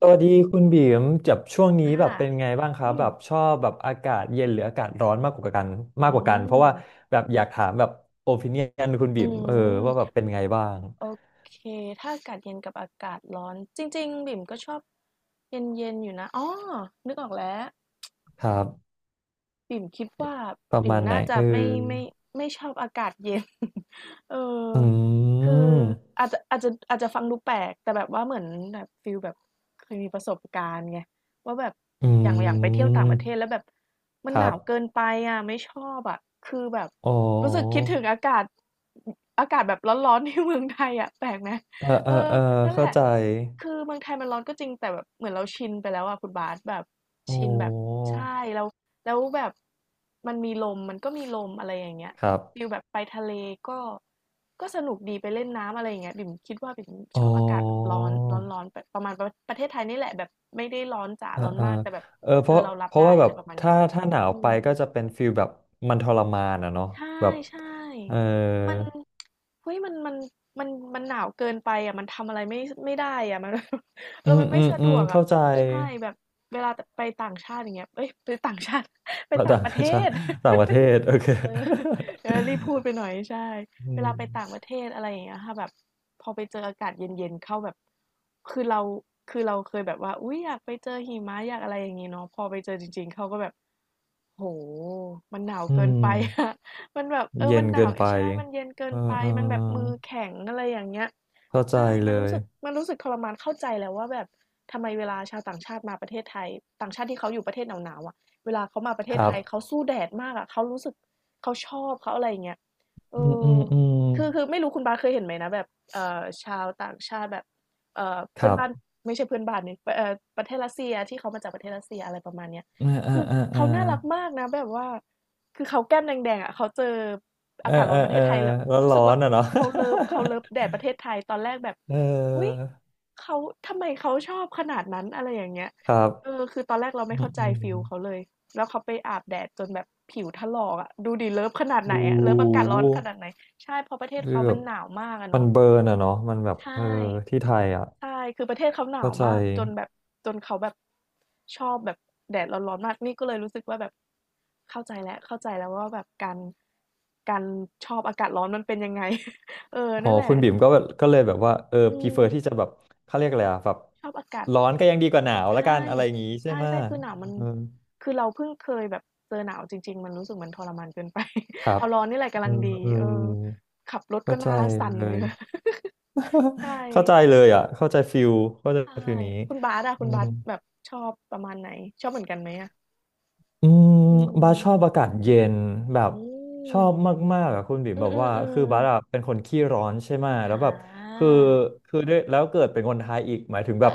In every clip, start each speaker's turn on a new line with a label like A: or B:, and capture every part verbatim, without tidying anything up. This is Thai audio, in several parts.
A: สวัสดีคุณบีมจับช่วงนี้
B: อา
A: แบบเป็นไงบ้างครับ
B: อื
A: แบ
B: ม
A: บชอบแบบอากาศเย็นหรืออากาศร้อนมากกว่ากันมา
B: อื
A: กกว่ากันเพราะ
B: ม
A: ว่าแบบอยากถามแบบโอปิเนียนคุณบี
B: อื
A: มเออว่าแบบ
B: ม
A: เป็นไงบ้าง
B: โอเค ถ้าอากาศเย็นกับอากาศร้อน จริงๆบิ่มก็ชอบเย็นๆอยู่นะ อ๋อ นึกออกแล้ว
A: ครับ
B: ปิ่มคิดว่า
A: ประ
B: ปิ่
A: มา
B: ม
A: ณไหน
B: น่าจะ
A: เออ
B: ไม่ไม่ไม่ชอบอากาศเย็น เออ
A: อื
B: คือ
A: ม
B: อาจจะอาจจะอาจจะฟังดูแปลกแต่แบบว่าเหมือนแบบฟิลแบบเคยมีประสบการณ์ไงว่าแบบ
A: อื
B: อย่างอย่างไปเที่ยวต่างประเทศแล้ว
A: ม
B: แบบ
A: ค
B: มันห
A: รั
B: นา
A: บ
B: วเกินไปอ่ะไม่ชอบอ่ะคือแบบ
A: อ๋อ
B: รู้สึกคิดถึงอากาศอากาศแบบร้อนๆ ที่เมืองไทยอ่ะแปลกไหม
A: เออเอ
B: เอ
A: อ
B: อ
A: เออ
B: นั่นแห
A: เข้า
B: ละ
A: ใจ
B: คือเมืองไทยมันร้อนก็จริงแต่แบบเหมือนเราชินไปแล้วอ่ะคุณบาสแบบ
A: โอ้
B: ชินแบบใช่เรา แล้วแบบมันมีลมมันก็มีลมอะไรอย่างเงี้ย
A: ครับ
B: ฟิลแบบไปทะเลก็ก็สนุกดีไปเล่นน้ำอะไรอย่างเงี้ยบิ่มคิดว่าบิ่ม
A: อ๋อ
B: ชอบอากาศแบบร้อนร้อนร้อนแบบประมาณประประเทศไทยนี่แหละแบบไม่ได้ร้อนจ๋า
A: อ่า
B: ร้อน
A: อ่า
B: มากแต่แบบ
A: เออเพ
B: เออ
A: ราะ
B: เรารั
A: เพ
B: บ
A: ราะ
B: ได้
A: ว่าแบ
B: อะไร
A: บ
B: ประมาณเนี้
A: ถ้า
B: ย
A: ถ้าหนาว
B: อื
A: ไป
B: ม
A: ก็จะเป็นฟิลแบบมันทรมานอ่ะเนาะ
B: ใช่
A: แบบ
B: ใช่
A: เออ
B: มันเฮ้ยมันมันมันมันหนาวเกินไปอ่ะมันทำอะไรไม่ไม่ได้อ่ะมัน เอ
A: อื
B: อ
A: ม
B: มัน
A: อื
B: ไม่
A: ม
B: สะ
A: อื
B: ด
A: ม
B: วกอ่ะ
A: เข้าใจ
B: ใช่แบบเวลาไปต่างชาติอย่างเงี้ยเอ้ยไปต่างชาติ ไปต่าง
A: ต่าง
B: ประเท
A: ชาติ
B: ศ
A: ต่างประเทศโอเค
B: เออเออรีบพูดไปหน่อยใช่
A: อื
B: เว
A: ม
B: ลาไปต่างประเทศอะไรอย่างเงี้ยค่ะแบบพอไปเจออากาศเย็นๆเข้าแบบคือเราคือเราเคยแบบว่าอุ้ยอยากไปเจอหิมะอยากอะไรอย่างงี้เนาะพอไปเจอจริงๆเขาก็แบบ โหมันหนาว
A: อื
B: เกินไปอะ
A: ม
B: มันแบบเออ
A: เย็
B: มั
A: น
B: นห
A: เกิ
B: นาว
A: นไป
B: ใช่มันเย็นเกิ
A: เอ
B: น
A: อ
B: ไป
A: เอ
B: มันแบบมือ
A: อ
B: แข็งอะไรอย่างเงี้ย
A: เข้าใจ
B: ใช่
A: เล
B: มันรู้
A: ย
B: สึกมันรู้สึกทรมานเข้าใจแล้วว่าแบบทำไมเวลาชาวต่างชาติมาประเทศไทยต่างชาติที่เขาอยู่ประเทศหนาวๆอะเวลาเขามาประเท
A: ค
B: ศ
A: รั
B: ไท
A: บ
B: ยเขาสู้แดดมากอะเขารู้สึกเขาชอบเขาอะไรอย่างเงี้ยเอ
A: อืม
B: อ
A: อืมอืม
B: คือคือไม่รู้คุณบาสเคยเห็นไหมนะแบบเอ่อชาวต่างชาติแบบเอ่อ
A: ค
B: เพื่อน
A: รับ
B: บ้านไม่ใช่เพื่อนบ้านนี่เอ่อประเทศรัสเซียที่เขามาจากประเทศรัสเซียอะไรประมาณเนี้ย
A: เอ่าอ่า
B: คือ
A: อ่าออ
B: เขาน่ารักมากนะแบบว่าคือเขาแก้มแดงๆอะเขาเจอ
A: เอ
B: อา
A: อ
B: กาศร้
A: เอ
B: อ
A: อ
B: นประเท
A: เออ
B: ศไทยแล้ว
A: แล้ว
B: รู้
A: ร้
B: สึ
A: อ
B: กว่า
A: นอ่ะเนาะ
B: เขาเลิฟเขาเลิฟแดดประเทศไทยตอนแรกแบบ
A: เอ
B: อุ๊ย
A: อ
B: เขาทำไมเขาชอบขนาดนั้นอะไรอย่างเงี้ย
A: ครับ
B: เออคือตอนแรกเราไม่
A: อื
B: เข้า
A: ม
B: ใจ
A: อื
B: ฟี
A: ม
B: ลเขาเลย แล้วเขาไปอาบแดดจนแบบผิวถลอกอะดูดิเลิฟขนาดไหน
A: โอ้
B: อะเลิฟอากาศร้อน
A: โห
B: ขนาดไหนใช่เพราะประเทศ
A: คือ
B: เขา
A: แบ
B: มัน
A: บ
B: หนาวมากอะ
A: มัน
B: เนาะ
A: เบิร์นอะเนาะมันแบบ
B: ใช่
A: เออที่ไทยอะ
B: ใช่ คือประเทศเขาหนา
A: เข้า
B: ว
A: ใจ
B: มากจนแบบจนเขาแบบชอบแบบแดดร้อนๆมากนี่ก็เลยรู้สึกว่าแบบเข้าใจแล้วเข้าใจแล้วว่าแบบการการชอบอากาศร้อนมันเป็นยังไง เออ
A: อ๋อ
B: นั่นแหละ
A: คุณบิ่มก็แบบก็เลยแบบว่าเออ
B: อื
A: พีเฟ
B: ม
A: อร์ที่จะแบบเขาเรียกอะไรอะแบบ
B: ชอบอากาศ
A: ร้อนก็ยังดีกว่าหนาวละ
B: ใช่
A: กันอะไรอย่างงี้ใช่
B: ใช่
A: ไหม
B: ใช่คือหนาวมัน
A: เออ
B: คือเราเพิ่งเคยแบบเจอหนาวจริงๆมันรู้สึกมันทรมานเกินไป
A: ครั บ
B: เอาร้อนนี่แหละ
A: เอ
B: กำลั
A: อ
B: งดี
A: เออ
B: เออขับรถ
A: เข้า
B: ก็ห
A: ใจ
B: น้าสั่น
A: เล
B: เนื้
A: ย
B: อ ใช่
A: เข้าใจเลยอ่ะเข้าใจฟิลเข้าใจ
B: ใช่
A: ฟิลนี้
B: คุณบาสอะ
A: อื
B: คุณบา
A: ม
B: สแบบชอบประมาณไหนชอบเหมือนกันไหมอะ
A: อืม
B: อื
A: บาสช
B: ม
A: อบอากาศเย็นแบ
B: อื
A: บช
B: ม
A: อบมากๆอะคุณบิ่ม
B: อื
A: แบ
B: ม
A: บ
B: อ
A: ว่า
B: ื
A: คือ
B: ม
A: บาสอะ
B: ๆๆ
A: เป็นคนขี้ร้อนใช่ไหม
B: อ
A: แล้วแบบ
B: า
A: คือคือด้วยแล้วเกิดเป็นคนไทยอีกหมายถึง
B: เอ
A: แบ
B: อ
A: บ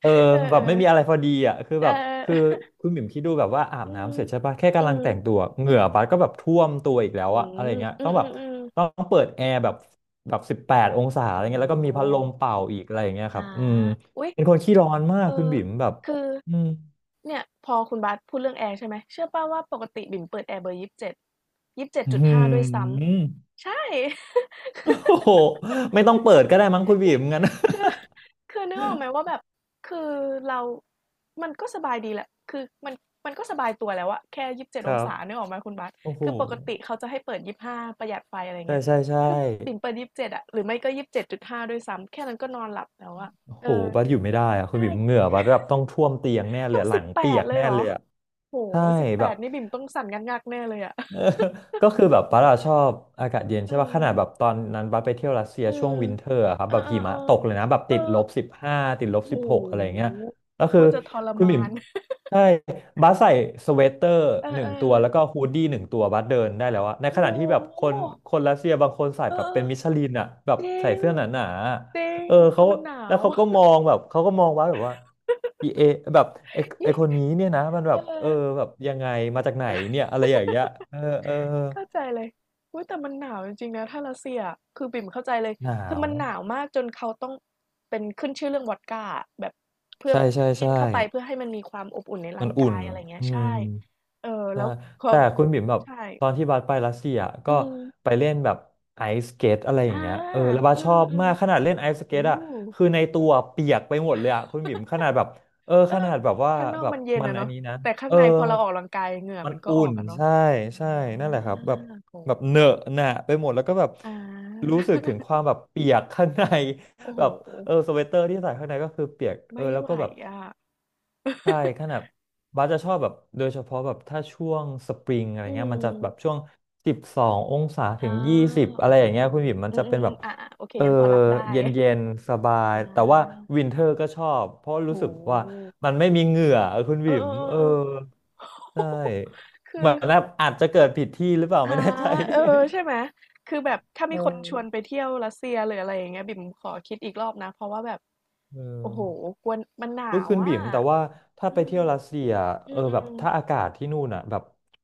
A: เออ
B: เออ
A: แบบไม่มีอะไร
B: ๆ
A: พอดีอะคือ
B: เอ
A: แบ
B: อ
A: บคือคุณบิ่มคิดดูแบบว่าอา
B: ๆ
A: บ
B: อื
A: น้ำ
B: ม
A: เสร็จใช่ปะแค่
B: อื
A: กำลัง
B: ม
A: แต่งตัวเหงื่อบาสก็แบบท่วมตัวอีกแล้ว
B: อื
A: อะอะไร
B: ม
A: เงี้ย
B: อื
A: ต้องแบบ
B: มๆ
A: ต้อ
B: ๆ
A: งเปิดแอร์แบบแบบสิบแปดองศาอะไร
B: โอ้
A: เงี้ยแล้วก็
B: โฮ
A: มีพัดลมเป่าอีกอะไรอย่างเงี้ยครั
B: อา
A: บอืม
B: อุ๊ย
A: เป็นคนขี้ร้อนมาก
B: เอ
A: คุณ
B: อ
A: บิ่มแบบ
B: คือ
A: อืม
B: เนี่ยพอคุณบาสพูดเรื่องแอร์ใช่ไหมเชื่อเปล่าว่าปกติบิ่มเปิดแอร์เบอร์ยี่สิบเจ็ด
A: อ
B: ห้5ด้วย
A: ื
B: ซ้
A: ม
B: ำใช่
A: โอ้โห ไม่ต้องเปิดก็ได้มั้งคุ ณ
B: จ
A: บี
B: ริง
A: มงั้น
B: คือคือนึกออกไหมว่าแบบคือเรามันก็สบายดีแหละคือมันมันก็สบายตัวแล้วอะแค่ยี่สิบเจ็ด
A: ค
B: อง
A: รับ
B: ศานึกออกไหมคุณบาส
A: โอ้โห
B: คือปกติเขาจะให้เปิดยี่สิบห้าประหยัดไฟอะไร
A: ใช่
B: เงี้ย
A: ใช่ใช่
B: คือบิ่มเปิดยี่สิบเจ็ดอะหรือไม่ก็ยี่สิบเจ็ดจุดห้าด้วยซ้ำแค่นั้นก็นอนหลับแล้วอะ
A: โอ้
B: เอ
A: โห
B: อ
A: บัสอยู่ไม่ได้อะคุณ
B: ใช่
A: บีมเหงื่อบัสแบบต้องท่วมเตียงแน่เล
B: ต้
A: ย
B: อง
A: หลั
B: สิบ
A: ง
B: แป
A: เปีย
B: ด
A: ก
B: เลย
A: แน่
B: เหร
A: เล
B: อ
A: ยอะ
B: โห
A: ใช่
B: สิบแป
A: แบบ
B: ดนี่บิ่มต้องสั่นงักงแน่เลยอะ
A: เออก็คือแบบบัสอะชอบอากาศเย็น
B: เอ
A: ใช่ป่ะข
B: อ
A: นาดแบบตอนนั้นบัสไปเที่ยวรัสเซีย
B: อื
A: ช่ว
B: ม
A: งวินเทอร์อะครับ
B: เออ
A: แบบ
B: เออ
A: หิมะตกเล
B: เ
A: ยนะแบบ
B: อ
A: ติ
B: อ
A: ดลบสิบห้าติดลบ
B: โอ้โห
A: สิบหกอะไรเงี้ยแล้ว
B: โค
A: คือ
B: ตรจะทร
A: คุณหมิ
B: มา
A: ม
B: น
A: ใช่บัสใส่สเวตเตอร์
B: เอ
A: ห
B: อ
A: นึ่
B: เอ
A: ง
B: อ
A: ตัวแล้วก็ฮูดดี้หนึ่งตัวบัสเดินได้แล้วอะในข
B: โอ้
A: ณะที่แบบ
B: โฮ
A: คนคนรัสเซียบางคนใส่
B: เอ
A: แบบเป็
B: อ
A: นมิชลินอะแบบ
B: จริ
A: ใส่
B: ง
A: เสื้อหนาๆอะ
B: จริง
A: เออ
B: คื
A: เขา
B: อมันหนา
A: แล้ว
B: ว
A: เขาก็มองแบบเขาก็มองว่าแบบว่า อีเอแบบไอ ไอ
B: นี่
A: คนนี้เนี่ยนะมันแบ
B: เออ
A: บเออแบบยังไงมาจากไหนเนี่ยอะไรอย่างเงี้ยเออเออ
B: เข้าใจเลยอุ๊ยแต่มันหนาวจริงๆนะถ้ารัสเซียคือบิ่มเข้าใจเลย
A: หนา
B: คือ
A: ว
B: มันหนาวมากจนเขาต้องเป็นขึ้นชื่อเรื่องวอดก้าอะแบบเพื่อ
A: ใช่ใช่
B: กิ
A: ใช่
B: นเข้าไปเพื่อให้มันมีความอบอุ่นใน
A: มัน
B: ร่าง
A: อุ่
B: กา
A: น
B: ยอะไรเงี้ย
A: อื
B: ใช่
A: ม
B: เออ
A: ใช่
B: แล้วพอ
A: แต่คุณบิ่มแบบ
B: ใช่
A: ตอนที่บัสไปรัสเซีย
B: อื
A: ก็
B: ม
A: ไปเล่นแบบไอสเกตอะไรอ
B: อา
A: ย่างเงี้ยเออแล้วบัส
B: อื
A: ชอ
B: ม
A: บ
B: อมอื
A: มากขนาดเล่นไอสเก
B: โอ้
A: ตอ่ะคือในตัวเปียกไปหมดเลยอ่ะคุณบิ่มขนาดแบบเออ
B: เอ
A: ข
B: อ
A: นาดแบบว่า
B: ข้างนอก
A: แบบ
B: มันเย็น
A: มัน
B: อะ
A: อัน
B: เนาะ
A: นี้นะ
B: แต่ข้า
A: เอ
B: ง
A: อ
B: ในพอเราออกกำลังกายเหงื่อ
A: มัน
B: มันก็
A: อุ่
B: ออ
A: น
B: กอะเนาะ
A: ใช่ใช่
B: อ
A: นั่นแหละครับ
B: า
A: แบบ
B: โอ้โฮ
A: แบบเหนอะหนะไปหมดแล้วก็แบบ
B: อา
A: รู้สึกถึงความแบบเปียก ข้างใน
B: โอ้ โฮ
A: แบบเออสเวตเตอร์ที่ใส่ข้างในก็คือเปียกเออ
B: ไม่
A: แล้ว
B: ไหว
A: ก็แบบ
B: อะ
A: ใช่ ขนาดบาสจะชอบแบบโดยเฉพาะแบบถ้าช่วงสปริงอะไร
B: อื
A: เงี้ยมันจะแบบ
B: ม
A: ช่วงสิบสององศา
B: อา
A: ถึงยี่สิบอะ
B: โอ้
A: ไร
B: โฮ
A: อย่างเงี้ยคุณบิ่มมัน
B: อื
A: จะเป็น
B: ม
A: แบบ
B: ๆๆอาๆโอเค
A: เออ
B: ยังพอรับได้
A: เย็นเย็นสบา
B: อ
A: ยแต่ว่า
B: า
A: วินเทอร์ก็ชอบเพราะรู้
B: โอ้
A: สึก
B: โ
A: ว่า
B: ฮ
A: มันไม่มีเหงื่อคุณ
B: เอ
A: บิ่มเออ
B: อๆๆๆ
A: ใช่
B: คื
A: เหมื
B: อ
A: อนแบบอาจจะเกิดผิดที่หรือเปล่าไม่
B: อา
A: แน่ใจ
B: เออ ใช่ไหม คือแบบ ถ้า
A: เอ
B: มีคนชวน
A: อ
B: ไปเที่ยวรัสเซียหรืออะไรอย่างเงี้ยบิ่มขอคิดอีกรอบนะ เพราะว่าแบบ
A: เอ
B: โอ้โห
A: อ
B: กลัวนมันหนา
A: ก็
B: ว
A: คืน
B: อ่ะ
A: บิ่มแต่ว่าถ้า
B: อื
A: ไปเที่ยวรัส
B: ม
A: เซียเออ
B: อื
A: แบบ
B: ม
A: ถ้าอากาศที่นู่นอ่ะแบบ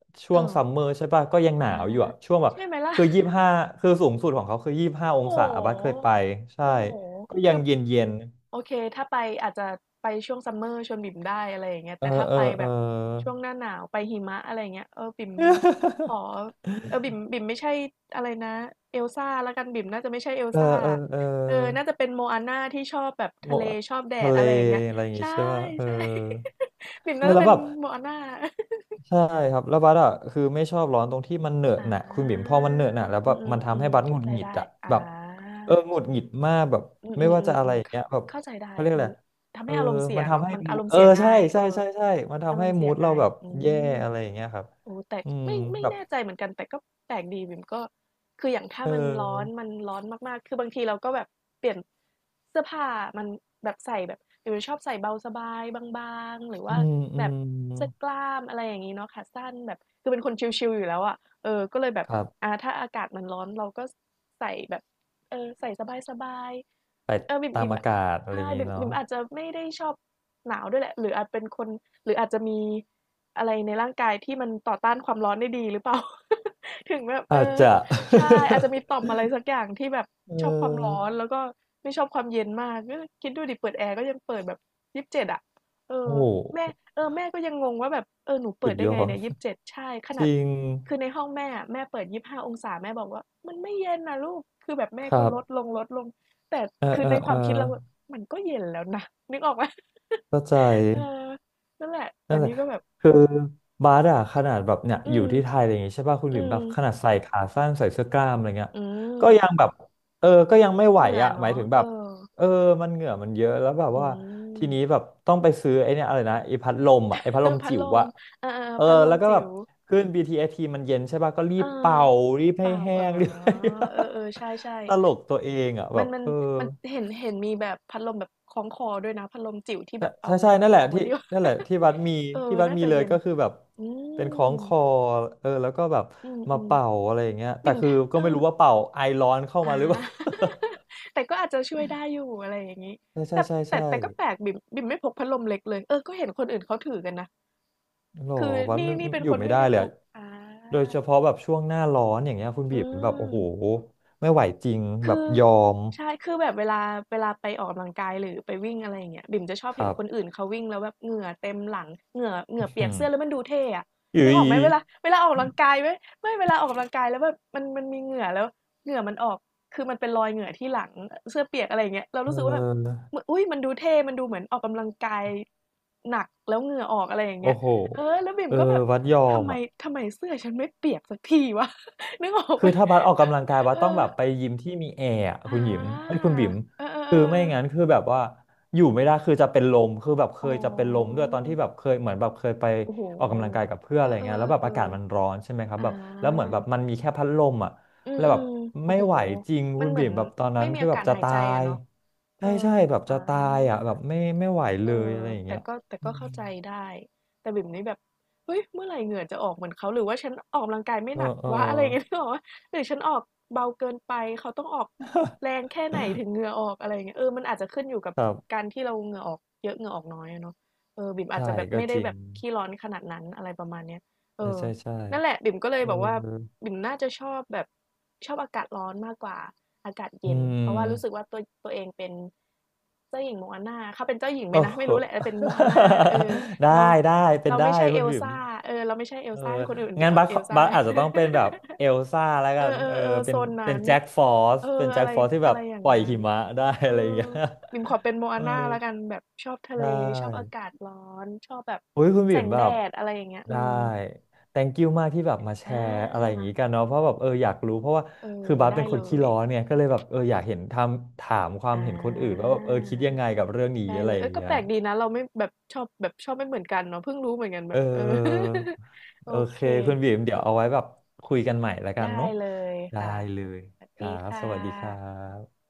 B: ๆเอ
A: ช่ว
B: อ
A: งซัมเมอร์ใช่ป่ะก็ยังห
B: อา
A: นาวอยู่อ่ะช่วงแบบ
B: ใช่ไหมล่ะ
A: คือยี่สิบห้าคือสูงสุดของเขาคือยี่สิบห้าอง
B: โอ้
A: ศา
B: โห
A: บัสเคยไปใช่
B: โอ้โห
A: ก็ยั
B: คื
A: ง
B: อ
A: เย็นเย็น
B: โอเคถ้าไปอาจจะไปช่วงซัมเมอร์ชวนบิ่มได้อะไรอย่างเงี้ย
A: เออ
B: แต่ถ้า
A: เออ
B: ไป
A: เอ
B: แบ
A: อ
B: บช่วงหน้าหนาวไปหิมะอะไรอย่างเงี้ยเออบิ่มขอ เออบิ่มบิ่มไม่ใช่อะไรนะเอลซ่าแล้วกันบิ่มน่าจะไม่ใช่เอล
A: เออ
B: ซ่า
A: เออเออ
B: เออน่าจะเป็นโมอาน่าที่ชอบแบบ
A: หม
B: ทะเล
A: ด
B: ชอบแด
A: ทะ
B: ด
A: เล
B: อะไรอย่างเงี้ย
A: อะไรอย่างงี้
B: ใช่
A: ใช่ป่ะเออ
B: ใช่ บิ่ม
A: เอ
B: น่า
A: อ
B: จะ
A: แล้ว
B: เป็น
A: แบบ
B: โมอาน่า
A: ใช่ครับแล้วบัสอ่ะคือไม่ชอบร้อนตรงที่มันเหนอะ
B: อ่
A: หนะคุณบิ่มพ
B: า
A: อมันเหนอะหนะแล้ว
B: อื
A: แบ
B: ม
A: บ
B: อืม
A: มัน
B: อื
A: ทำ
B: ม
A: ให้บัสหงุ
B: เข้า
A: ด
B: ใจ
A: หงิด
B: ได้
A: อ่ะ
B: อ่า
A: แบบเออหงุดหงิดมากแบบ
B: อืม
A: ไม่
B: อืม
A: ว่า
B: อื
A: จะ
B: ม
A: อะ
B: อื
A: ไร
B: ม
A: อย่าง
B: เข้า
A: เงี้ยแบบ
B: เข้าใจได้
A: เขาเรียกอะ
B: มัน
A: ไร
B: ทำ
A: เออ
B: ให้อารมณ์เสี
A: มั
B: ย
A: น
B: เนาะ
A: ทำให้
B: มัน
A: มู
B: อาร
A: ด
B: มณ์
A: เออ
B: เสียง่า
A: ใช่
B: ยเอ
A: ใช่
B: อ
A: ใช่ใช่มัน
B: อา
A: ทำ
B: ร
A: ให้
B: มณ์เสี
A: มู
B: ย
A: ดเรา
B: ง่าย
A: แบบ
B: อื
A: แย่
B: ม
A: อะไรอย่างเงี้ยครับ
B: โอ้แต่
A: อืม
B: ไม่ไม่
A: แบบ
B: แน่ใจเหมือนกันแต่ก็แปลกดีบิ่มก็คืออย่างถ้า
A: เ
B: มันร้อน
A: ออ
B: มันร้อนมากๆคือบางทีเราก็แบบเปลี่ยนเสื้อผ้ามันแบบใส่แบบบิ่มชอบใส่เบาสบายบางๆหรือ
A: อื
B: ว่า
A: มอื
B: แบบ
A: ม
B: เสื้อกล้ามอะไรอย่างนี้เนาะขาสั้นแบบคือเป็นคนชิลๆอยู่แล้วอ่ะเออก็เลยแบบ
A: ครับ
B: อ่าถ้าอากาศมันร้อนเราก็ใส่แบบเออใส่สบาย
A: ไป
B: ๆเออบิ่ม
A: ตาม
B: บิ่ม
A: อากาศอะไรอ
B: ใช่
A: ย่างงี้
B: บิ่ม
A: เนาะ
B: บิ่มอาจจะไม่ได้ชอบหนาวด้วยแหละหรืออาจเป็นคนหรืออาจจะมี อะไรในร่างกายที่มันต่อต้านความร้อนได้ดีหรือเปล่า ถึงแบบเอ
A: อาจ
B: อ
A: จะ
B: ใช่ อาจจะมีต่อมอะไรสักอย่างที่แบบ
A: เ
B: ชอบความร้อ
A: ออ
B: นแล้วก็ไม่ชอบความเย็นมากก็คิดดูดิเปิดแอร์ก็ยังเปิดแบบยี่สิบเจ็ดอ่ะเอ
A: โอ้
B: อ
A: โ
B: แม่
A: ห
B: เออแม่ก็ยังงงว่าแบบเออหนูเปิ
A: สุ
B: ด
A: ด
B: ได้
A: ยอ
B: ไง
A: ด
B: เนี่ยยี่สิบเจ็ดใช่ข
A: จ
B: นาด
A: ริง
B: คือในห้องแม่อะแม่เปิดยี่สิบห้าองศาแม่บอกว่ามันไม่เย็นนะลูกคือแบบแม่
A: ครั
B: ก็ลดล
A: บ
B: งลดลงแต่
A: เออ
B: คือ
A: เออ
B: ในค
A: เอ
B: วา
A: อ
B: มคิดเราอะมันก็เย็นแล้วนะนึกออกไหม
A: เข้าใจ
B: เออนั่นแหละแต่
A: นั่นแหละ
B: นี่ก็แบบ
A: คือบาสอะขนาดแบบเนี่ย
B: อื
A: อยู่
B: ม
A: ที่ไทยอะไรอย่างงี้ใช่ป่ะคุณ
B: อื
A: บิ่มแบ
B: ม
A: บขนาดใส่ขาสั้นใส่เสื้อกล้ามอะไรเงี้ย
B: อื
A: ก็ยัง
B: ม
A: แบบเออก็ยังไม่ไห
B: เห
A: ว
B: งื่อ
A: อะหมาย
B: เนาะ
A: ถึงแบ
B: เอ
A: บ
B: อ
A: เออมันเหงื่อมันเยอะแล้วแบบ
B: อื
A: ว่า
B: ม
A: ทีนี้แบบต้องไปซื้อไอ้เนี่ยอะไรนะไอ้พัดลมอะไอ้พัด
B: เอ
A: ล
B: อ
A: ม
B: พัด
A: จิ๋
B: ล
A: ว
B: ม
A: อะ
B: เออ
A: เอ
B: ๆ
A: อ
B: ๆพัดลม
A: แล้วก็แบ
B: จิ๋
A: บ
B: ว
A: ขึ้น บี ที เอสมันเย็นใช่ป่ะก็รี
B: เออ
A: บเป่ารีบ
B: เป
A: ให้
B: ล่า
A: แห้
B: อ๋อ
A: ง รีบ
B: เออๆใช่
A: ตลกตัวเองอะ
B: ๆ
A: แบ
B: มัน
A: บ
B: มัน
A: เออ
B: มันเห็นเห็นมีแบบพัดลมแบบคล้องคอด้วยนะพัดลมจิ๋วที่
A: ใช่
B: แบบเอา
A: ใช่ใช่นั่น
B: ค
A: แห
B: ล้
A: ละ
B: องไว้
A: ที่
B: ที่
A: นั่นแหละที่ วัดมี
B: เออ
A: ที่วัด
B: น่า
A: มี
B: จะ
A: เลย
B: เย็น
A: ก็คือแบบ
B: อื
A: เป็นคล้อ
B: ม
A: งคอเออแล้วก็แบบ
B: อื
A: มา
B: ม
A: เป่าอะไรอย่างเงี้ย
B: ๆ
A: แต่
B: บิ่ม
A: คื
B: ท
A: อก็
B: เออ
A: ไม่รู้ว่าเป่าไอร้อนเข้ามา
B: อา
A: หรือเปล่า
B: แต่ก็อาจจะช่วยได้อยู่อะไรอย่างนี้
A: ใช่ใช่
B: แต่
A: ใช่
B: แต่
A: ใช่
B: แต่ก็แปลกบิ่มบิ่มไม่พกพัดลมเล็กเลย เออ ก็เห็นคนอื่นเขาถือกันนะ
A: หรอ
B: คือ
A: วัด
B: นี่
A: ไม่
B: นี่เป็น
A: อ
B: ค
A: ยู่
B: น
A: ไม่
B: ไม่
A: ได้
B: ได้
A: เล
B: พ
A: ยอะ
B: กอา
A: โดยเฉพาะแบบช่วงหน้าร้อนอย่างเงี้ยคุณ
B: อื
A: บีมแบบโอ้โห
B: ม
A: ไม่ไหวจริงแบ
B: คื
A: บ
B: อ
A: ยอม
B: ใช่คือแบบเวลาเวลาไปออกกำลังกายหรือไปวิ่งอะไรอย่างเงี้ยบิ่มจะชอบ
A: ค
B: เห็น
A: รับ
B: คนอื่นเขาวิ่งแล้วแบบเหงื่อเต็มหลังเหงื่อเหงื่อ เปี
A: อื
B: ยก
A: ม
B: เสื้อแล้วมันดูเท่อะ
A: อยู่
B: นึกอ
A: อี
B: อกไหมเว
A: ก
B: ลาเวลาออกกำลังกายไหมไม่เวลาออกกำลังกายแล้วแบบมันมันมีเหงื่อแล้วเหงื่อมันออกคือมันเป็นรอยเหงื่อที่หลังเสื้อเปียกอะไรอย่างเงี้ยเรา
A: เ
B: รู้สึกว่าแบบ
A: ออ
B: อุ้ยมันดูเท่มันดูเหมือนออกกำลังกายหนักแล้วเหงื่อออกอะไรอย่าง
A: โอ้
B: เงี้ย
A: โห
B: เออแล้วบิ่ม
A: เออ
B: ก็แบบ
A: วัดยอ
B: ทำ
A: ม
B: ไม
A: อ่ะ
B: ทำไมเสื้อฉันไม่เปียกสักทีวะ นึกออกไห
A: คื
B: ม
A: อถ้าบัสออกกำลังกายบัส
B: เอ
A: ต้องแบบไป
B: อ
A: ยิมที่มีแอร์อะ
B: อ
A: คุณหยิมไอ้ย
B: า
A: คุณบิ๋ม
B: เออ
A: คือไม่
B: ๆ
A: งั้น
B: ๆ
A: คือแบบว่าอยู่ไม่ได้คือจะเป็นลมคือแบบเค
B: ๆอ๋อ
A: ยจะเป็นลมด้วยตอนที่แบบเคยเหมือนแบบเคยไป
B: โอ้โฮ
A: ออกกำลังกายกับเพื่อน
B: เอ
A: อะ
B: อ
A: ไรเงี้ยแล้วแบบอากาศ
B: ๆ
A: มัน
B: ๆ
A: ร้อนใช่ไหมครั
B: ๆอ
A: บแบบแล้วเหมือน
B: า
A: แบบมันมีแค่พัดลมอ่ะ
B: อื
A: แล้วแบบ
B: มๆโอ้
A: ไม่
B: โฮ
A: ไหวจริง
B: มั
A: คุ
B: น
A: ณ
B: เหมื
A: บิ๋
B: อน
A: มแบบตอนนั้
B: ไม่
A: น
B: มี
A: คือ
B: อา
A: แบบ
B: กาศ
A: จะ
B: หาย
A: ตา
B: ใจอะ
A: ย
B: เนาะเอ
A: ใช่
B: อ
A: ใช่แบบ
B: อา
A: จะตายอ่ะแบบไม่ไม่ไหว
B: เอ
A: เล
B: อ
A: ยอะไรอย่าง
B: แต่
A: เงี้ย
B: ก็แต่
A: อื
B: ก็
A: ม
B: เข้าใจได้แต่บิ่มนี่แบบเฮ้ยเมื่อไหร่เหงื่อจะออกเหมือนเขาหรือว่าฉันออกกำลังกายไม่
A: เออ
B: หนัก
A: เออ
B: วะ อะไรอย่างเงี้ยนึกออกเปล่าหรือฉันออกเบาเกินไปเขาต้องออกแรงแค่ไหนถึงเหงื่อออกอะไรอย่างเงี้ยเออมันอาจจะขึ้นอยู่กับ
A: ครั
B: กา
A: บ
B: รที่เราเหงื่อออกเยอะเหงื่อออกน้อยอะเนาะเออบิ่มอาจ
A: ใช่
B: จะแบบ
A: ก็
B: ไม่
A: จ
B: ได้
A: ริ
B: แบ
A: ง
B: บขี้ร้อนขนาดนั้นอะไรประมาณเนี้ยเอ
A: ใช่
B: อ
A: ใช่ใช่
B: นั่นแหละบิ่มก็เลย
A: เออ
B: แบบว่าบิ่มน่าจะชอบแบบ ชอบอากาศร้อนมากกว่าอากาศ
A: อื
B: เย็นเพราะว่ารู้สึก
A: ม
B: ว่าตัวตัวเองเป็นเจ้าหญิงโมอานาเขาเป็นเจ้าหญิงไหม
A: โอ้
B: นะ
A: โห
B: ไม่รู้แหละแตเป็นโม อานาเออ
A: ได้
B: เรา
A: ได้เป็น
B: เรา
A: ได้
B: ไม่ใช่
A: คุ
B: เอ
A: ณ
B: ล
A: บิ๋ม
B: ซ่าเออเราไม่ใช่เอล
A: เออ
B: ซ่าให้คนอื่นเป็น
A: งั้นบัส
B: เอลซ่า
A: บัส
B: ไป
A: อาจจะต้องเป็นแบบเอลซ่าแล้ว
B: เอ
A: กัน
B: อเอ
A: เออ
B: อเออ
A: เป็
B: โซ
A: น
B: น
A: เป็น
B: นั้น
A: แจ็คฟอส
B: เออ
A: เป็นแจ็
B: อะ
A: ค
B: ไร
A: ฟอสที่แบ
B: อะ
A: บ
B: ไรอย่า
A: ป
B: ง
A: ล่อย
B: นั้
A: หิ
B: น
A: มะได้
B: เออ
A: อะไรอย่างเงี้ย
B: บิมขอเป็นโม
A: เอ
B: อา
A: อ
B: น่าแล้วกันแบบชอบทะ
A: ได
B: เลชอบอา
A: ้
B: กาศร้อนชอบแบบ
A: อุ้ยคุณ
B: แส
A: บิ่ม
B: ง
A: แบ
B: แด
A: บ
B: ดอะไรอย่างเงี้ยอื
A: ได้
B: ม
A: แธงค์ คิว มากที่แบบมาแช
B: อ่
A: ร์อะไรอย่าง
B: า
A: งี้กันเนาะเพราะแบบเอออยากรู้เพราะว่า
B: เอ
A: คื
B: อ
A: อบัส
B: ได้
A: เป็นค
B: เล
A: นขี้
B: ย
A: ร้อนเนี่ยก็เลยแบบเอออยากเห็นทำถามความ
B: อ่า
A: เห็นคนอื่นว่าแบบเออคิดยังไงกับเรื่องนี้
B: ได้
A: อะ
B: เล
A: ไร
B: ย
A: อ
B: เอ้
A: ย่า
B: ย
A: ง
B: ก็
A: เงี้
B: แป
A: ย
B: ลกดีนะเราไม่แบบชอบแบบชอบไม่เหมือนกันเนาะเพิ่งรู้เหมือนกันแบ
A: เอ
B: บเออ
A: อ
B: โอ
A: โอเค
B: เค
A: คุณบีมเดี๋ยวเอาไว้แบบคุยกันใหม่แล้วกัน
B: ได้
A: เนาะ
B: เลย
A: ได้
B: ค่ะ
A: เล
B: ส
A: ย
B: วัส
A: ครั
B: ดี
A: บส
B: ค่ะ
A: วัสดีครับ